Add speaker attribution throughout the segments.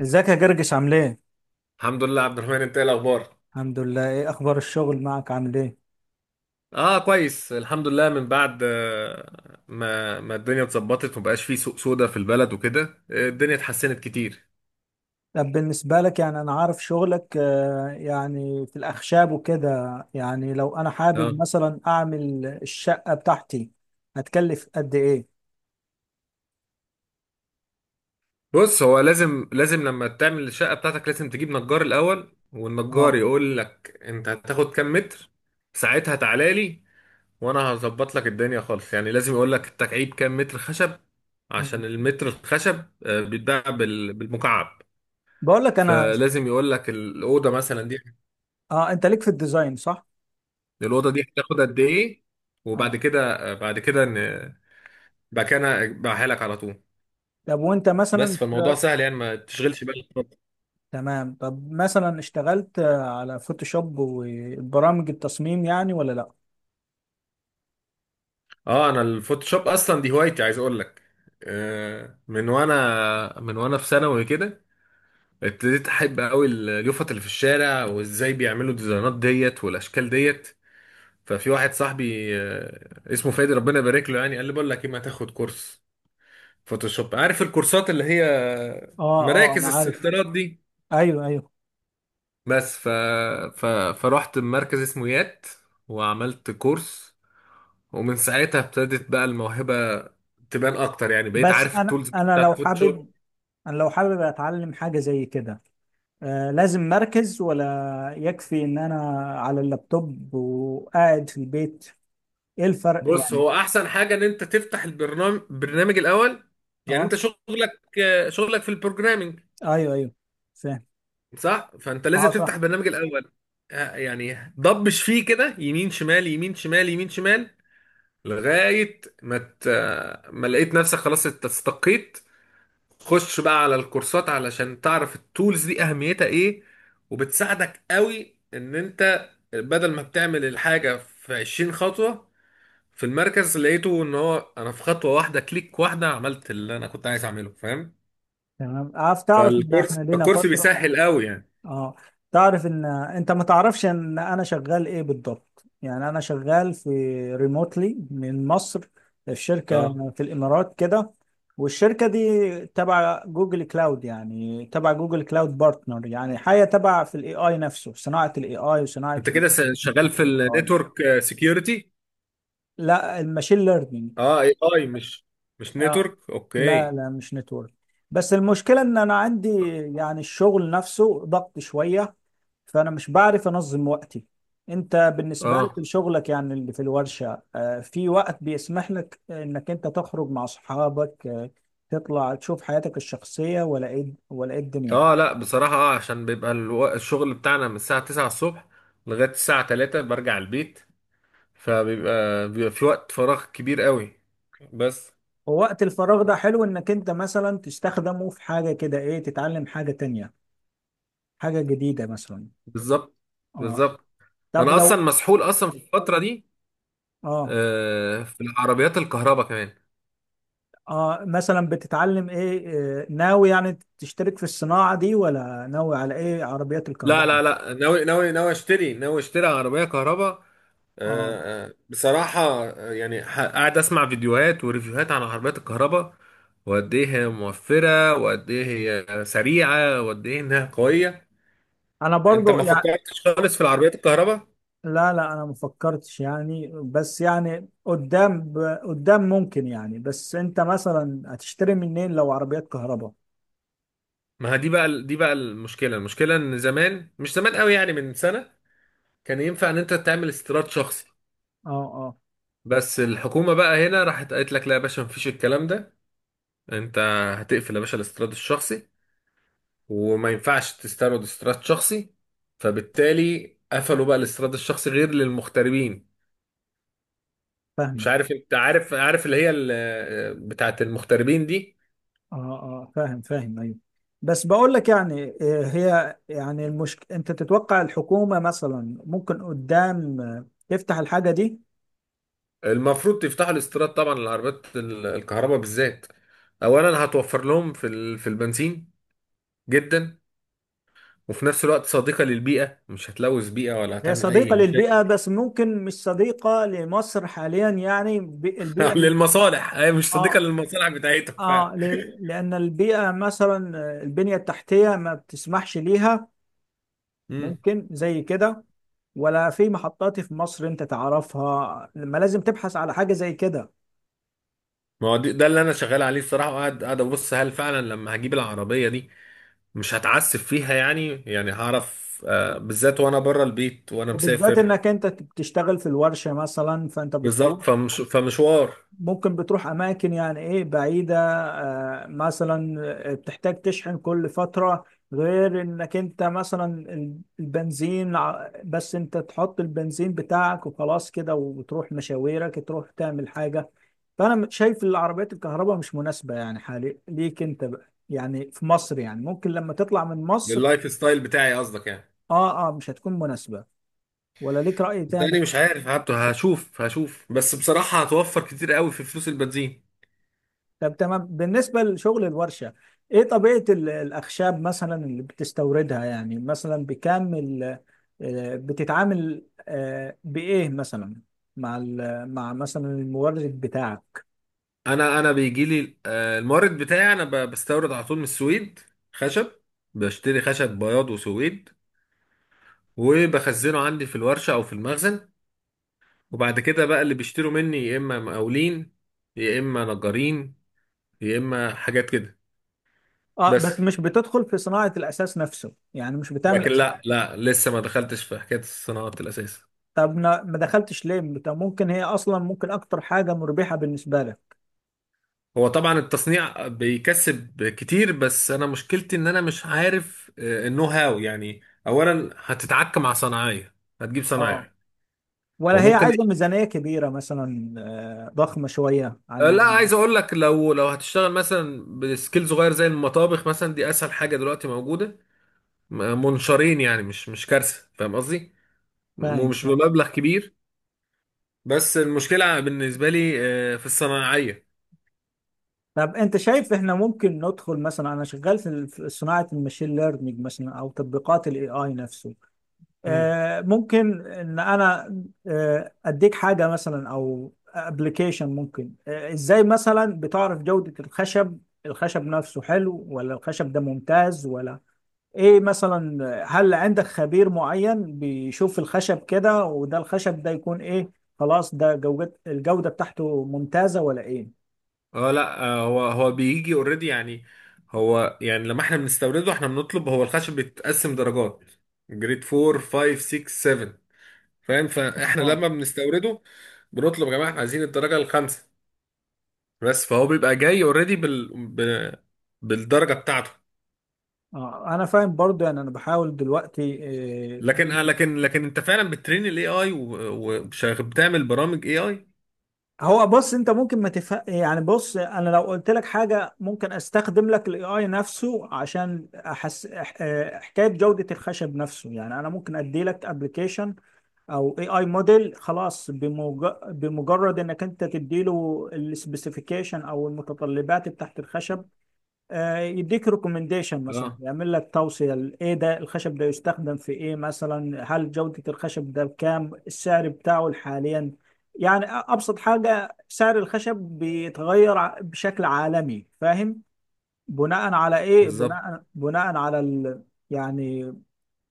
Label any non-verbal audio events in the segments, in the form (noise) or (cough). Speaker 1: ازيك يا جرجس، عامل ايه؟
Speaker 2: الحمد لله عبد الرحمن، انت ايه الاخبار؟
Speaker 1: الحمد لله. ايه اخبار الشغل معك عامل ايه؟
Speaker 2: اه كويس الحمد لله. من بعد آه، ما ما الدنيا اتظبطت ومبقاش فيه سوق سودا في البلد وكده. الدنيا اتحسنت كتير.
Speaker 1: طب بالنسبة لك يعني، انا عارف شغلك، يعني في الاخشاب وكده، يعني لو انا
Speaker 2: اه،
Speaker 1: حابب مثلا اعمل الشقة بتاعتي هتكلف قد ايه؟
Speaker 2: بص هو لازم لما تعمل الشقه بتاعتك لازم تجيب نجار الاول، والنجار
Speaker 1: اه.
Speaker 2: يقول لك انت هتاخد كام متر. ساعتها تعالى لي وانا هظبط لك الدنيا خالص. يعني لازم يقول لك التكعيب كام متر خشب، عشان
Speaker 1: مم.
Speaker 2: المتر الخشب آه، بيتباع بال- بالمكعب.
Speaker 1: بقول لك انا.
Speaker 2: فلازم يقول لك الاوضه مثلا دي،
Speaker 1: اه، انت ليك في الديزاين صح؟
Speaker 2: الأوضة دي هتاخد قد إيه. وبعد
Speaker 1: اه.
Speaker 2: كده بعد كده ن- بعد كده أنا أبيعها لك على طول.
Speaker 1: طب وانت
Speaker 2: بس
Speaker 1: مثلا
Speaker 2: فالموضوع سهل، يعني ما تشغلش بالك.
Speaker 1: تمام. طب مثلا اشتغلت على فوتوشوب وبرامج التصميم يعني، ولا لا؟
Speaker 2: اه، انا الفوتوشوب اصلا دي هوايتي، عايز اقول لك. من وانا في ثانوي كده ابتديت احب قوي اليوفط اللي في الشارع، وازاي بيعملوا الديزاينات ديت والاشكال ديت. ففي واحد صاحبي اسمه فادي، ربنا يبارك له، يعني قال لي بقول لك ايه، ما تاخد كورس فوتوشوب؟ عارف الكورسات اللي هي
Speaker 1: اه، اه،
Speaker 2: مراكز
Speaker 1: انا عارف.
Speaker 2: السنترات دي.
Speaker 1: ايوه، ايوه.
Speaker 2: بس ف... ف... فرحت مركز اسمويات وعملت كورس، ومن ساعتها ابتدت بقى الموهبة تبان اكتر. يعني بقيت
Speaker 1: بس
Speaker 2: عارف
Speaker 1: انا
Speaker 2: التولز بقى
Speaker 1: انا لو
Speaker 2: بتاعت فوتوشوب.
Speaker 1: حابب، انا لو حابب اتعلم حاجه زي كده، لازم مركز، ولا يكفي ان انا على اللابتوب وقاعد في البيت؟ ايه الفرق
Speaker 2: بص،
Speaker 1: يعني؟
Speaker 2: هو احسن حاجة ان انت تفتح البرنامج، برنامج الاول. يعني انت
Speaker 1: اه.
Speaker 2: شغلك في البروجرامينج
Speaker 1: ايوه، ايوه، فاهم.
Speaker 2: صح، فانت لازم
Speaker 1: اه،
Speaker 2: تفتح
Speaker 1: صح.
Speaker 2: البرنامج الاول. يعني ضبش فيه كده يمين شمال يمين شمال يمين شمال لغاية ما لقيت نفسك خلاص استقيت. خش بقى على الكورسات علشان تعرف التولز دي اهميتها ايه، وبتساعدك قوي ان انت بدل ما بتعمل الحاجة في 20 خطوة، في المركز لقيته ان هو انا في خطوة واحدة، كليك واحدة عملت اللي انا كنت عايز اعمله، فاهم؟
Speaker 1: تمام. عارف، تعرف ان
Speaker 2: فالكورس
Speaker 1: احنا لينا
Speaker 2: الكورس
Speaker 1: فتره.
Speaker 2: بيسهل قوي يعني.
Speaker 1: اه. تعرف ان انت ما تعرفش ان انا شغال ايه بالضبط؟ يعني انا شغال في ريموتلي من مصر، في
Speaker 2: اه،
Speaker 1: شركة في الامارات كده. والشركة دي تبع جوجل كلاود، يعني تبع جوجل كلاود بارتنر، يعني حاجة تبع في الاي اي نفسه، صناعة الاي اي وصناعة
Speaker 2: انت كده
Speaker 1: الابلكيشن
Speaker 2: شغال
Speaker 1: بتاع
Speaker 2: في
Speaker 1: الاي اي.
Speaker 2: النتورك سكيورتي؟
Speaker 1: لا، الماشين ليرنينج.
Speaker 2: اه، اي، اي مش مش
Speaker 1: اه.
Speaker 2: نتورك،
Speaker 1: لا،
Speaker 2: اوكي.
Speaker 1: لا، مش نتورك. بس المشكلة ان انا عندي، يعني الشغل نفسه ضغط شوية، فانا مش بعرف انظم وقتي. انت بالنسبة لك
Speaker 2: اه،
Speaker 1: لشغلك، يعني اللي في الورشة، في وقت بيسمح لك انك انت تخرج مع اصحابك، تطلع تشوف حياتك الشخصية، ولا ايه، ولا ايه الدنيا؟
Speaker 2: اه لا بصراحة، اه عشان بيبقى الشغل بتاعنا من الساعة 9 الصبح لغاية الساعة 3 برجع البيت. فبيبقى في وقت فراغ كبير قوي بس.
Speaker 1: ووقت الفراغ ده حلو انك انت مثلا تستخدمه في حاجة كده، ايه، تتعلم حاجة تانية، حاجة جديدة مثلا.
Speaker 2: بالظبط.
Speaker 1: اه.
Speaker 2: بالظبط.
Speaker 1: طب
Speaker 2: انا اصلا
Speaker 1: لو.
Speaker 2: مسحول اصلا في الفترة دي
Speaker 1: اه،
Speaker 2: في العربيات الكهرباء كمان.
Speaker 1: اه، مثلا بتتعلم ايه؟ ناوي يعني تشترك في الصناعة دي، ولا ناوي على ايه؟ عربيات
Speaker 2: لا
Speaker 1: الكهرباء؟
Speaker 2: لا لا، ناوي ناوي اشتري عربية كهرباء.
Speaker 1: اه،
Speaker 2: بصراحة قاعد أسمع فيديوهات وريفيوهات عن عربيات الكهرباء، وقد إيه هي موفرة، وقد إيه هي سريعة، وقد إيه إنها قوية.
Speaker 1: انا
Speaker 2: أنت
Speaker 1: برضو
Speaker 2: ما
Speaker 1: يعني.
Speaker 2: فكرتش خالص في العربيات الكهرباء؟
Speaker 1: لا، لا، انا مفكرتش يعني، بس يعني قدام قدام ممكن يعني. بس انت مثلا هتشتري منين لو عربيات كهرباء؟
Speaker 2: ما ها دي بقى المشكلة إن زمان، مش زمان قوي يعني، من سنة كان ينفع إن أنت تعمل استيراد شخصي،
Speaker 1: اه، اه.
Speaker 2: بس الحكومة بقى هنا راحت قالت لك لا يا باشا، مفيش الكلام ده. أنت هتقفل يا باشا الاستيراد الشخصي، وما ينفعش تستورد استيراد شخصي. فبالتالي قفلوا بقى الاستيراد الشخصي غير للمغتربين. مش
Speaker 1: فاهمك.
Speaker 2: عارف انت عارف اللي هي بتاعه المغتربين دي.
Speaker 1: اه، اه، فاهم، فاهم، ايوه. بس بقول لك يعني، هي يعني المشكلة، انت تتوقع الحكومة مثلا ممكن قدام تفتح الحاجة دي؟
Speaker 2: المفروض تفتحوا الاستيراد طبعا للعربيات الكهرباء بالذات. اولا هتوفر لهم في في البنزين جدا، وفي نفس الوقت صديقة للبيئة، مش هتلوث بيئة ولا
Speaker 1: هي
Speaker 2: هتعمل أي
Speaker 1: صديقة
Speaker 2: مشاكل.
Speaker 1: للبيئة، بس ممكن مش صديقة لمصر حاليا، يعني
Speaker 2: (laughs)
Speaker 1: البيئة.
Speaker 2: للمصالح، هي مش صديقة
Speaker 1: اه،
Speaker 2: للمصالح بتاعتهم
Speaker 1: اه،
Speaker 2: فعلا.
Speaker 1: لأن البيئة مثلا، البنية التحتية ما بتسمحش ليها،
Speaker 2: امم
Speaker 1: ممكن زي كده. ولا في محطات في مصر انت تعرفها لما لازم تبحث على حاجة زي كده؟
Speaker 2: ما هو ده اللي انا شغال عليه الصراحه، وقاعد ابص هل فعلا لما هجيب العربيه دي مش هتعسف فيها يعني. يعني هعرف، بالذات وانا بره البيت وانا
Speaker 1: وبالذات
Speaker 2: مسافر.
Speaker 1: انك انت بتشتغل في الورشة مثلا، فانت بتروح،
Speaker 2: بالظبط فمشوار.
Speaker 1: ممكن بتروح اماكن يعني، ايه، بعيده، مثلا، بتحتاج تشحن كل فتره، غير انك انت مثلا البنزين، بس انت تحط البنزين بتاعك وخلاص كده، وتروح مشاويرك تروح تعمل حاجه. فانا شايف العربيات الكهرباء مش مناسبه يعني حالي ليك انت بقى، يعني في مصر، يعني ممكن لما تطلع من مصر.
Speaker 2: لللايف ستايل بتاعي قصدك يعني؟
Speaker 1: اه، اه، مش هتكون مناسبه. ولا ليك رأي تاني؟
Speaker 2: التاني مش عارف حتى، هشوف بس بصراحة هتوفر كتير قوي في فلوس البنزين.
Speaker 1: طب تمام. بالنسبة لشغل الورشة، ايه طبيعة الأخشاب مثلا اللي بتستوردها؟ يعني مثلا بكام بتتعامل بإيه مثلا، مع مثلا المورد بتاعك؟
Speaker 2: انا بيجي لي المورد بتاعي، انا بستورد على طول من السويد خشب. بشتري خشب بياض وسويد، وبخزنه عندي في الورشة او في المخزن، وبعد كده بقى اللي بيشتروا مني يا اما مقاولين، يا اما نجارين، يا اما حاجات كده.
Speaker 1: اه.
Speaker 2: بس
Speaker 1: بس مش بتدخل في صناعة الأساس نفسه يعني؟ مش بتعمل
Speaker 2: لكن
Speaker 1: أساس؟
Speaker 2: لا لا، لسه ما دخلتش في حكاية الصناعات الأساسية.
Speaker 1: طب ما دخلتش ليه؟ طب ممكن هي أصلا ممكن أكتر حاجة مربحة بالنسبة لك.
Speaker 2: هو طبعا التصنيع بيكسب كتير، بس أنا مشكلتي إن أنا مش عارف النو هاو يعني. أولا هتتعك مع صناعية، هتجيب
Speaker 1: اه.
Speaker 2: صنايعي،
Speaker 1: ولا هي
Speaker 2: وممكن
Speaker 1: عايزة ميزانية كبيرة مثلا، ضخمة شوية عن؟
Speaker 2: لا، عايز أقول لك، لو هتشتغل مثلا بسكيل صغير زي المطابخ مثلا، دي أسهل حاجة دلوقتي موجودة، منشارين يعني، مش مش كارثة فاهم قصدي،
Speaker 1: فاهم.
Speaker 2: ومش بمبلغ كبير. بس المشكلة بالنسبة لي في الصناعية.
Speaker 1: طب انت شايف احنا ممكن ندخل؟ مثلا انا شغال في في صناعه الماشين ليرنينج مثلا، او تطبيقات الاي اي نفسه. ممكن ان انا اديك حاجه مثلا، او ابلكيشن، ممكن ازاي مثلا بتعرف جوده الخشب؟ الخشب نفسه حلو، ولا الخشب ده ممتاز، ولا ايه مثلا؟ هل عندك خبير معين بيشوف الخشب كده، وده الخشب ده يكون ايه؟ خلاص ده جودة، الجوده بتاعته ممتازه ولا ايه؟
Speaker 2: اه لا، هو بيجي اوريدي يعني. هو يعني لما احنا بنستورده، احنا بنطلب، هو الخشب بيتقسم درجات، جريد 4 5 6 7، فاهم؟ فاحنا
Speaker 1: اه،
Speaker 2: لما بنستورده بنطلب يا جماعه احنا عايزين الدرجه الخامسه بس. فهو بيبقى جاي اوريدي بالدرجه بتاعته.
Speaker 1: اه، انا فاهم برضو يعني، انا بحاول دلوقتي، آه،
Speaker 2: لكن لكن انت فعلا بتترين الاي اي وبتعمل برامج اي اي؟
Speaker 1: هو بص، انت ممكن ما تفهم يعني. بص انا لو قلت لك حاجه، ممكن استخدم لك الاي اي نفسه عشان احس حكايه جوده الخشب نفسه. يعني انا ممكن ادي لك ابلكيشن، او اي اي موديل، خلاص بمجرد انك انت تدي له السبيسيفيكيشن او المتطلبات بتاعت الخشب، يديك ريكومنديشن مثلا،
Speaker 2: اه
Speaker 1: يعمل لك توصية ايه، ده الخشب ده يستخدم في ايه مثلا، هل جودة الخشب ده بكام، السعر بتاعه حاليا؟ يعني ابسط حاجة، سعر الخشب بيتغير بشكل عالمي، فاهم؟ بناء على ايه،
Speaker 2: بالظبط.
Speaker 1: بناء على يعني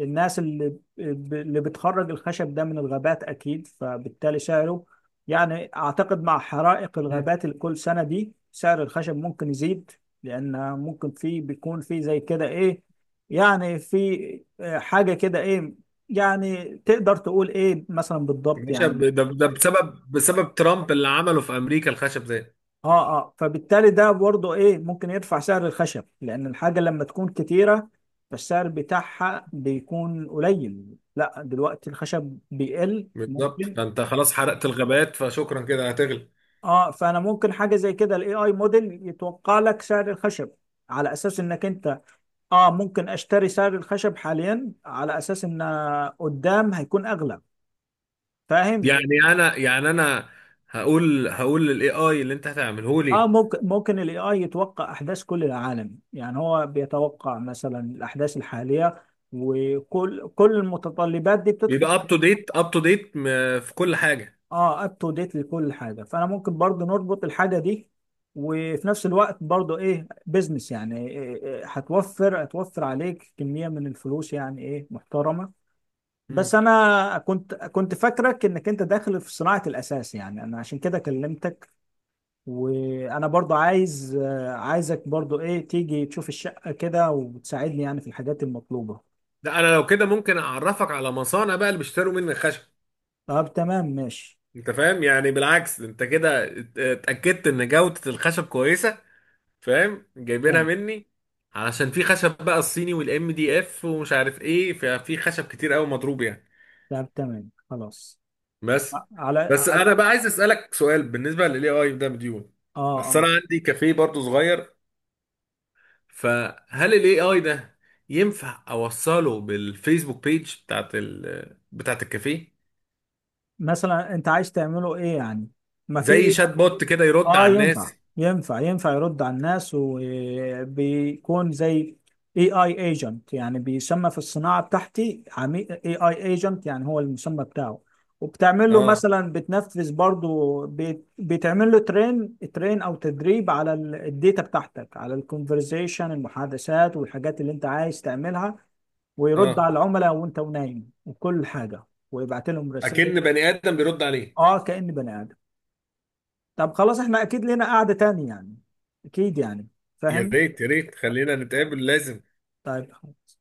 Speaker 1: الناس اللي بتخرج الخشب ده من الغابات، أكيد فبالتالي سعره. يعني أعتقد مع حرائق
Speaker 2: مم.
Speaker 1: الغابات اللي كل سنة دي، سعر الخشب ممكن يزيد. لأن ممكن في، بيكون في زي كده إيه، يعني في، حاجة كده إيه، يعني تقدر تقول إيه مثلا
Speaker 2: يا
Speaker 1: بالضبط
Speaker 2: باشا، ب-
Speaker 1: يعني؟
Speaker 2: ده ده بسبب ترامب اللي عمله في امريكا الخشب ده.
Speaker 1: اه، اه، فبالتالي ده برضه، ايه، ممكن يرفع سعر الخشب، لان الحاجه لما تكون كتيره فالسعر بتاعها بيكون قليل. لا دلوقتي الخشب بيقل
Speaker 2: بالظبط،
Speaker 1: ممكن.
Speaker 2: فانت خلاص حرقت الغابات فشكرا كده هتغلب.
Speaker 1: اه، فانا ممكن حاجه زي كده، الاي اي موديل يتوقع لك سعر الخشب، على اساس انك انت، اه، ممكن اشتري سعر الخشب حاليا على اساس ان قدام هيكون اغلى، فاهم؟
Speaker 2: يعني انا، يعني انا هقول للاي اي اللي انت هتعمله
Speaker 1: اه،
Speaker 2: لي
Speaker 1: ممكن الاي اي يتوقع احداث كل العالم، يعني هو بيتوقع مثلا الاحداث الحاليه، وكل المتطلبات دي بتدخل
Speaker 2: بيبقى اب تو ديت في كل حاجه.
Speaker 1: اه، اب تو ديت لكل حاجه، فانا ممكن برضو نربط الحاجه دي، وفي نفس الوقت برضو ايه، بزنس. يعني إيه هتوفر عليك كميه من الفلوس يعني، ايه، محترمه. بس
Speaker 2: مم.
Speaker 1: انا كنت فاكرك انك انت داخل في صناعه الاساس، يعني انا عشان كده كلمتك. وانا برضو عايزك برضو، ايه، تيجي تشوف الشقة كده وتساعدني يعني في الحاجات المطلوبة.
Speaker 2: ده انا لو كده ممكن اعرفك على مصانع بقى اللي بيشتروا مني الخشب،
Speaker 1: طب تمام، ماشي.
Speaker 2: انت فاهم يعني. بالعكس، انت كده اتاكدت ان جوده الخشب كويسه، فاهم، جايبينها
Speaker 1: تمام.
Speaker 2: مني. علشان في خشب بقى الصيني والام دي اف ومش عارف ايه، ففي خشب كتير قوي مضروب يعني.
Speaker 1: طب تمام، خلاص.
Speaker 2: بس
Speaker 1: على على
Speaker 2: انا بقى عايز اسالك سؤال بالنسبه للاي اي ده مديون.
Speaker 1: اه،
Speaker 2: اصل
Speaker 1: اه،
Speaker 2: انا عندي كافيه برضو صغير، فهل الاي اي ده ينفع اوصله بالفيسبوك بيج بتاعت بتاعت الكافيه؟
Speaker 1: مثلا انت عايز تعمله ايه يعني؟ ما
Speaker 2: زي
Speaker 1: في.
Speaker 2: شات بوت كده يرد على
Speaker 1: اه، ينفع،
Speaker 2: الناس.
Speaker 1: ينفع، ينفع يرد على الناس، وبيكون زي اي اي ايجنت، يعني بيسمى في الصناعه بتاعتي عميل اي اي ايجنت، يعني هو المسمى بتاعه. وبتعمل له
Speaker 2: اه
Speaker 1: مثلا، بتنفذ برضو بتعمل له ترين او تدريب على الداتا بتاعتك، على الكونفرزيشن، المحادثات والحاجات اللي انت عايز تعملها. ويرد
Speaker 2: اه،
Speaker 1: على العملاء وانت ونايم وكل حاجه، ويبعت لهم رسائل.
Speaker 2: اكن بني ادم بيرد عليه.
Speaker 1: اه، كأني بني آدم. طب خلاص، احنا اكيد لنا قعدة تاني يعني، اكيد يعني،
Speaker 2: يا
Speaker 1: فاهم.
Speaker 2: ريت يا ريت خلينا نتقابل لازم.
Speaker 1: طيب خلاص.